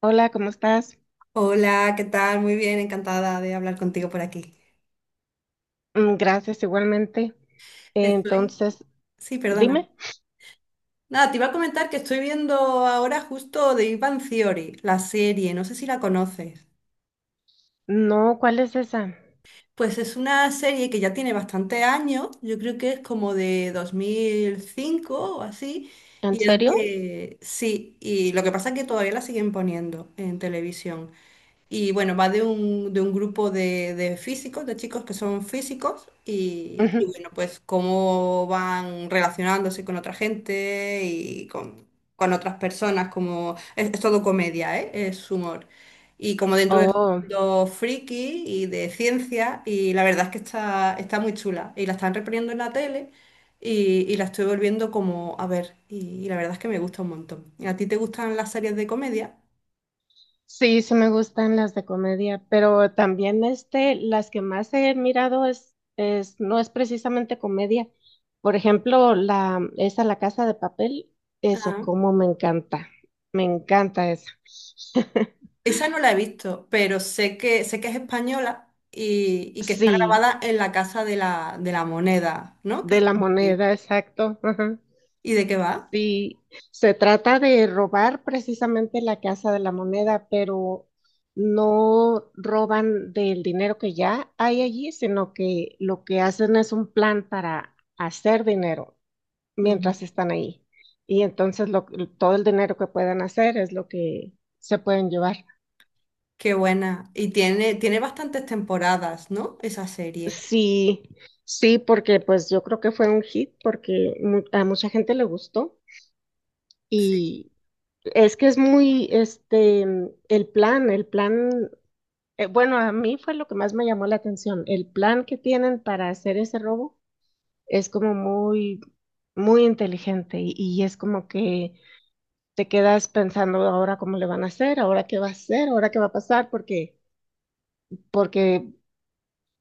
Hola, ¿cómo estás? Hola, ¿qué tal? Muy bien, encantada de hablar contigo por aquí. Mm, gracias, igualmente. Estoy. Entonces, Sí, perdona. dime, Nada, te iba a comentar que estoy viendo ahora justo de Ivan Theory, la serie, no sé si la conoces. no, ¿cuál es esa? Pues es una serie que ya tiene bastantes años, yo creo que es como de 2005 o así, ¿En y es serio? de... Sí, y lo que pasa es que todavía la siguen poniendo en televisión. Y bueno, va de un grupo de físicos, de chicos que son físicos, y Ujú. bueno, pues cómo van relacionándose con otra gente y con otras personas, como es todo comedia, ¿eh? Es humor. Y como dentro de Oh, mundo friki y de ciencia, y la verdad es que está muy chula. Y la están reponiendo en la tele y la estoy volviendo como a ver, y la verdad es que me gusta un montón. ¿A ti te gustan las series de comedia? sí, sí me gustan las de comedia, pero también este, las que más he mirado es, no es precisamente comedia. Por ejemplo, la, esa La Casa de Papel, esa Ah. como me encanta esa. Esa no la he visto, pero sé sé que es española y que está Sí, grabada en la Casa de la Moneda, ¿no? Que de está la en Madrid. moneda, exacto. Ajá. ¿Y de qué va? Sí, se trata de robar precisamente la Casa de la Moneda, pero no roban del dinero que ya hay allí, sino que lo que hacen es un plan para hacer dinero Ujú. mientras están ahí. Y entonces todo el dinero que puedan hacer es lo que se pueden llevar. Qué buena. Y tiene bastantes temporadas, ¿no? Esa serie. Sí, sí, porque pues yo creo que fue un hit porque a mucha gente le gustó y es que es muy, este, el plan. Bueno, a mí fue lo que más me llamó la atención. El plan que tienen para hacer ese robo es como muy, muy inteligente y es como que te quedas pensando ahora cómo le van a hacer, ahora qué va a hacer, ahora qué va a pasar, porque, porque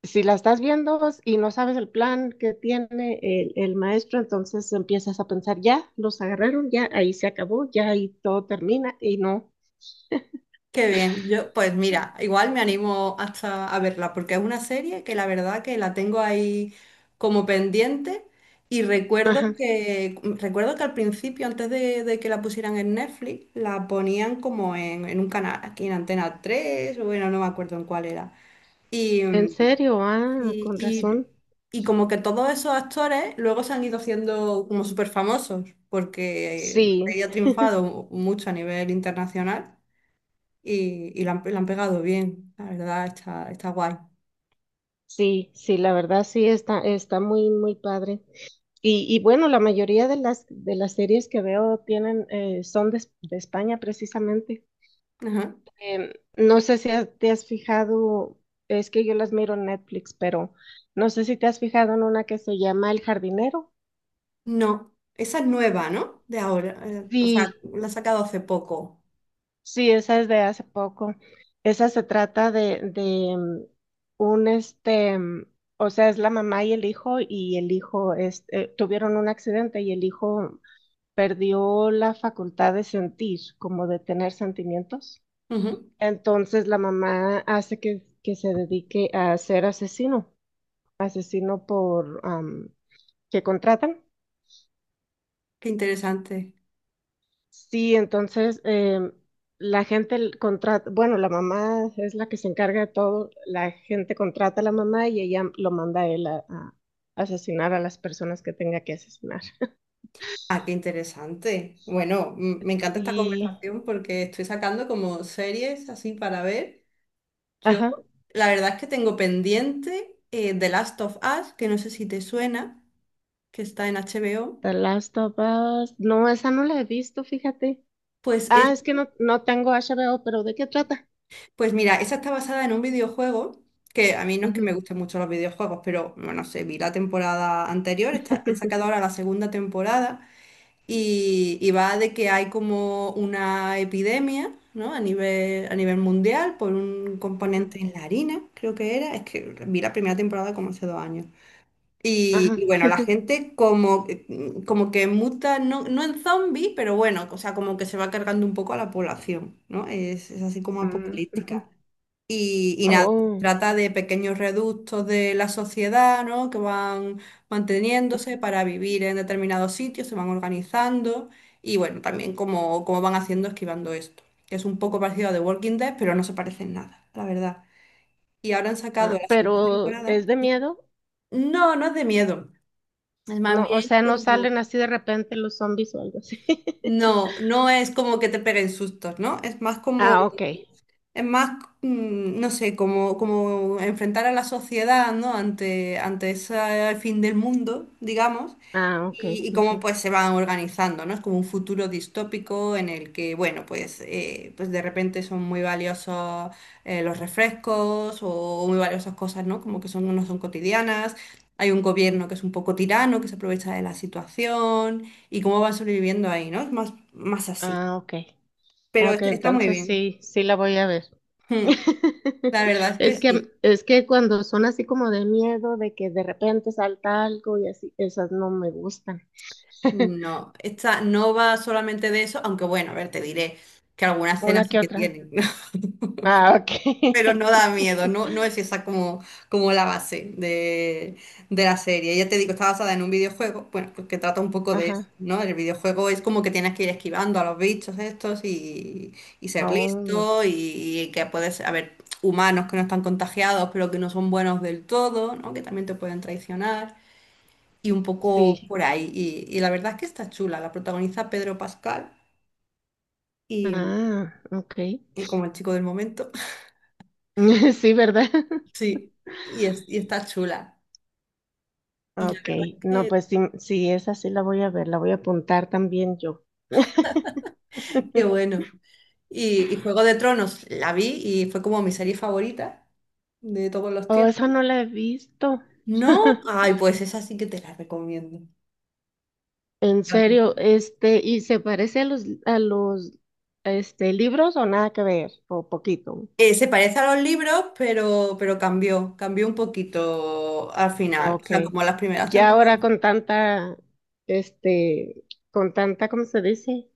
si la estás viendo y no sabes el plan que tiene el maestro, entonces empiezas a pensar, ya, los agarraron, ya, ahí se acabó, ya ahí todo termina y no. Qué bien, yo pues mira, igual me animo hasta a verla porque es una serie que la verdad que la tengo ahí como pendiente y Ajá. Recuerdo que al principio, de que la pusieran en Netflix, la ponían como en un canal, aquí en Antena 3 o bueno, no me acuerdo en cuál era. Y, ¿En mm, serio? Ah, con y, y, razón. y como que todos esos actores luego se han ido haciendo como súper famosos porque Sí. había triunfado mucho a nivel internacional y la han pegado bien, la verdad, está guay. Sí, sí, la verdad sí está, está muy, muy padre. Y bueno, la mayoría de las series que veo tienen, son de España precisamente. Ajá. No sé si te has fijado, es que yo las miro en Netflix, pero no sé si te has fijado en una que se llama El Jardinero. No, esa es nueva, ¿no? De ahora, o sea, Sí, la ha sacado hace poco. sí, esa es de hace poco. Esa se trata de un este. O sea, es la mamá y el hijo este, tuvieron un accidente y el hijo perdió la facultad de sentir, como de tener sentimientos. Ujú. Entonces la mamá hace que se dedique a ser asesino, asesino, que contratan. Qué interesante. Sí, entonces la gente contrata, bueno, la mamá es la que se encarga de todo, la gente contrata a la mamá y ella lo manda a él a asesinar a las personas que tenga que asesinar. Ah, qué interesante. Bueno, me encanta esta Y, conversación porque estoy sacando como series así para ver. Yo, ajá, la verdad es que tengo pendiente The Last of Us, que no sé si te suena, que está en HBO. The Last of Us, no, esa no la he visto, fíjate. Pues es Ah, es que no, no tengo HBO, pero ¿de qué trata? Pues mira, esa está basada en un videojuego, que a mí no es que me Ujú, gusten mucho los videojuegos, pero bueno, no sé, vi la temporada anterior, han sacado ahora la segunda temporada y va de que hay como una epidemia, ¿no? A nivel mundial por un componente ujú, en la harina, creo que era. Es que vi la primera temporada como hace dos años. Ajá. Y bueno, la gente como, como que muta, no, no en zombie, pero bueno, o sea, como que se va cargando un poco a la población, ¿no? Es así como Mm, ujú. apocalíptica. Y nada, Oh, trata de pequeños reductos de la sociedad, ¿no? Que van manteniéndose para vivir en determinados sitios, se van organizando y bueno, también cómo, cómo van haciendo esquivando esto. Es un poco parecido a The Walking Dead, pero no se parece en nada, la verdad. Y ahora han sacado ah, la segunda ¿pero temporada. es de miedo? No, no es de miedo. Es más No, o bien sea, no como... salen así de repente los zombies o algo así. No, no es como que te peguen sustos, ¿no? Es más como Ah, ok. es más, no sé, como, como enfrentar a la sociedad, ¿no? Ante, ante ese fin del mundo, digamos, Ah, ok. Y Ujú. cómo pues se van organizando, ¿no? Es como un futuro distópico en el que, bueno, pues, pues de repente son muy valiosos los refrescos o muy valiosas cosas, ¿no? Como que son, no son cotidianas. Hay un gobierno que es un poco tirano, que se aprovecha de la situación y cómo van sobreviviendo ahí, ¿no? Es más, más así. Ah, ok. Ah, Pero ok, está muy entonces bien. sí, sí la voy a ver. Mm, La verdad es que Es que, sí. es que cuando son así como de miedo, de que de repente salta algo y así, esas no me gustan. No, esta no va solamente de eso, aunque bueno, a ver, te diré que algunas Una cenas sí que que otra. tienen, ¿no? Ah, ok. Pero no da miedo, no, no es esa como, como la base de la serie. Ya te digo, está basada en un videojuego, bueno, pues que trata un poco de Ajá. eso, ¿no? El videojuego es como que tienes que ir esquivando a los bichos estos y ser Oh, listo y, que puedes, a ver, humanos que no están contagiados, pero que no son buenos del todo, ¿no? Que también te pueden traicionar y un poco sí. por ahí. Y la verdad es que está chula. La protagoniza Pedro Pascal y, Ah, ok. y como el chico del momento. Sí, ¿verdad? Sí, y está chula. Y la Ok. verdad es No, que, pues sí, sí, esa sí la voy a ver, la voy a apuntar también yo. qué bueno. Y Juego de Tronos la vi y fue como mi serie favorita de todos los Oh, esa tiempos. no la he visto. No, ay, pues esa sí que te la recomiendo. En serio, También. este, ¿y se parece a los libros o nada que ver? O poquito. Se parece a los libros, pero cambió un poquito al final. O Ok. sea, como las primeras Ya temporadas. ahora con tanta, este, con tanta, ¿cómo se dice?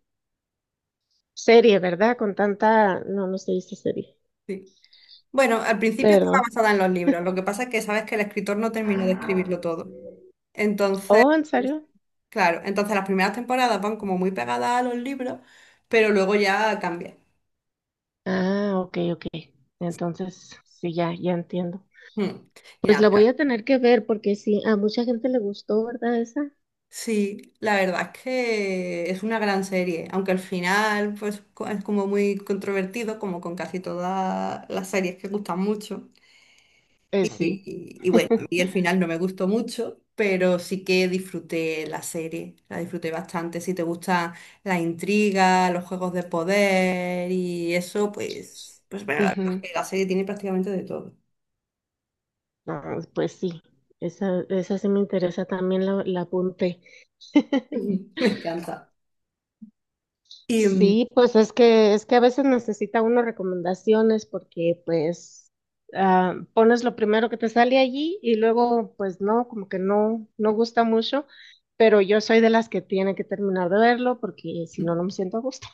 Serie, ¿verdad? Con tanta... No, no se dice serie. Sí. Bueno, al principio estaba Perdón. basada en los libros, lo que pasa es que sabes que el escritor no terminó de escribirlo todo. Entonces, Oh, ¿en serio? claro, entonces las primeras temporadas van como muy pegadas a los libros, pero luego ya cambia. Ah, ok, ok. Entonces, sí, ya, ya entiendo. Mm. Y Pues nada, la voy claro. a tener que ver porque sí, a mucha gente le gustó, ¿verdad? Esa. Sí, la verdad es que es una gran serie, aunque al final pues es como muy controvertido, como con casi todas las series que gustan mucho. Sí. Y bueno, a mí el final no me gustó mucho, pero sí que disfruté la serie, la disfruté bastante. Si te gusta la intriga, los juegos de poder y eso, pues, pues bueno, la verdad Ujú. es que la serie tiene prácticamente de todo. No, pues sí, esa sí me interesa, también la apunté. Me encanta. Y, mm, Sí, pues es que a veces necesita uno recomendaciones porque pues ah, pones lo primero que te sale allí y luego pues no, como que no gusta mucho, pero yo soy de las que tiene que terminar de verlo porque si no no me siento a gusto.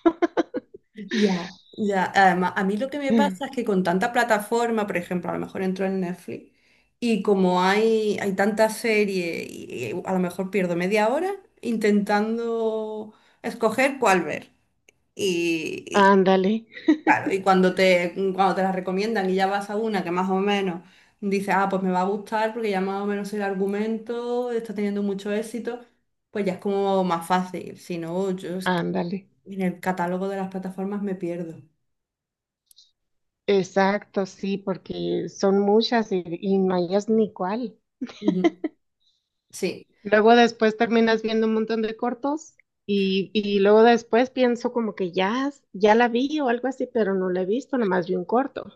Ya, ya. Además, a mí lo que me pasa es que con tanta plataforma, por ejemplo, a lo mejor entro en Netflix y como hay tanta serie y a lo mejor pierdo media hora intentando escoger cuál ver. Y, y, Ándale, claro, y cuando te la recomiendan y ya vas a una que más o menos dices, ah, pues me va a gustar porque ya más o menos el argumento está teniendo mucho éxito, pues ya es como más fácil. Si no, yo es que ándale. en el catálogo de las plataformas me pierdo. Exacto, sí, porque son muchas y no hayas ni cuál. Ujú. Sí. Luego después terminas viendo un montón de cortos y luego después pienso como que ya, ya la vi o algo así, pero no la he visto, nomás vi un corto.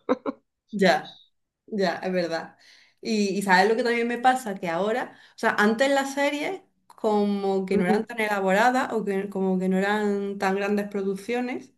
Ya, ya, es verdad. Y sabes lo que también me pasa, que ahora, o sea, antes las series como que no Ujú, eran tan elaboradas o que como que no eran tan grandes producciones,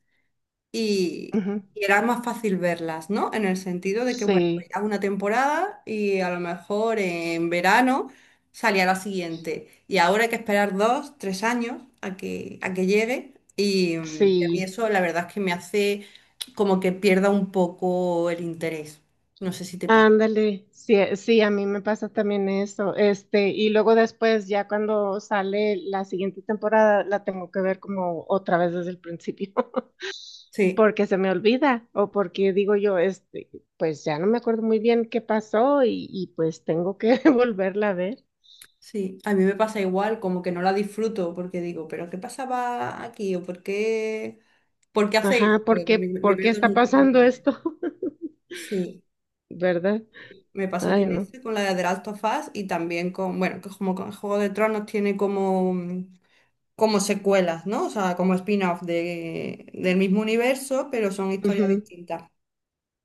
y, ujú. y era más fácil verlas, ¿no? En el sentido de que, bueno, Sí, veías una temporada y a lo mejor en verano salía la siguiente. Y ahora hay que esperar dos, tres años a a que llegue. Y a mí sí. eso la verdad es que me hace como que pierda un poco el interés. No sé si te pasa. Ándale, sí, sí, a mí me pasa también eso. Este, y luego después, ya cuando sale la siguiente temporada, la tengo que ver como otra vez desde el principio, Sí, porque se me olvida, o porque digo yo, este, pues ya no me acuerdo muy bien qué pasó, y pues tengo que volverla a ver. sí, a mí me pasa igual, como que no la disfruto porque digo, pero ¿qué pasaba aquí? ¿O por qué hacéis? ¿Esto? Ajá, Me por qué pierdo está mucho. pasando esto? Sí. ¿Verdad? Me pasó Ay, con no. esa, con la de The Last of Us y también con, bueno, que como con Juego de Tronos tiene como, como secuelas, ¿no? O sea, como spin-off de, del mismo universo, pero son historias Ujú. distintas.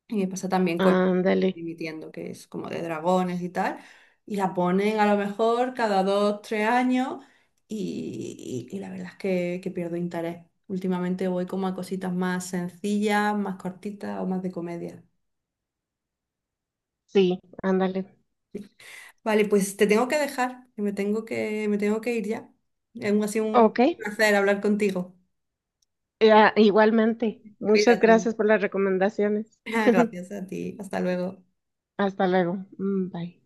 Y me pasa también con Ándale. Dimitiendo, que es como de dragones y tal, y la ponen a lo mejor cada dos, tres años y la verdad es que pierdo interés. Últimamente voy como a cositas más sencillas, más cortitas o más de comedia. Sí, ándale. Vale, pues te tengo que dejar, que me tengo que ir ya. Aún ha sido un Ok. placer hablar contigo. Ya, igualmente. Muchas Cuídate. gracias por las recomendaciones. Gracias a ti. Hasta luego. Hasta luego. Mm, bye.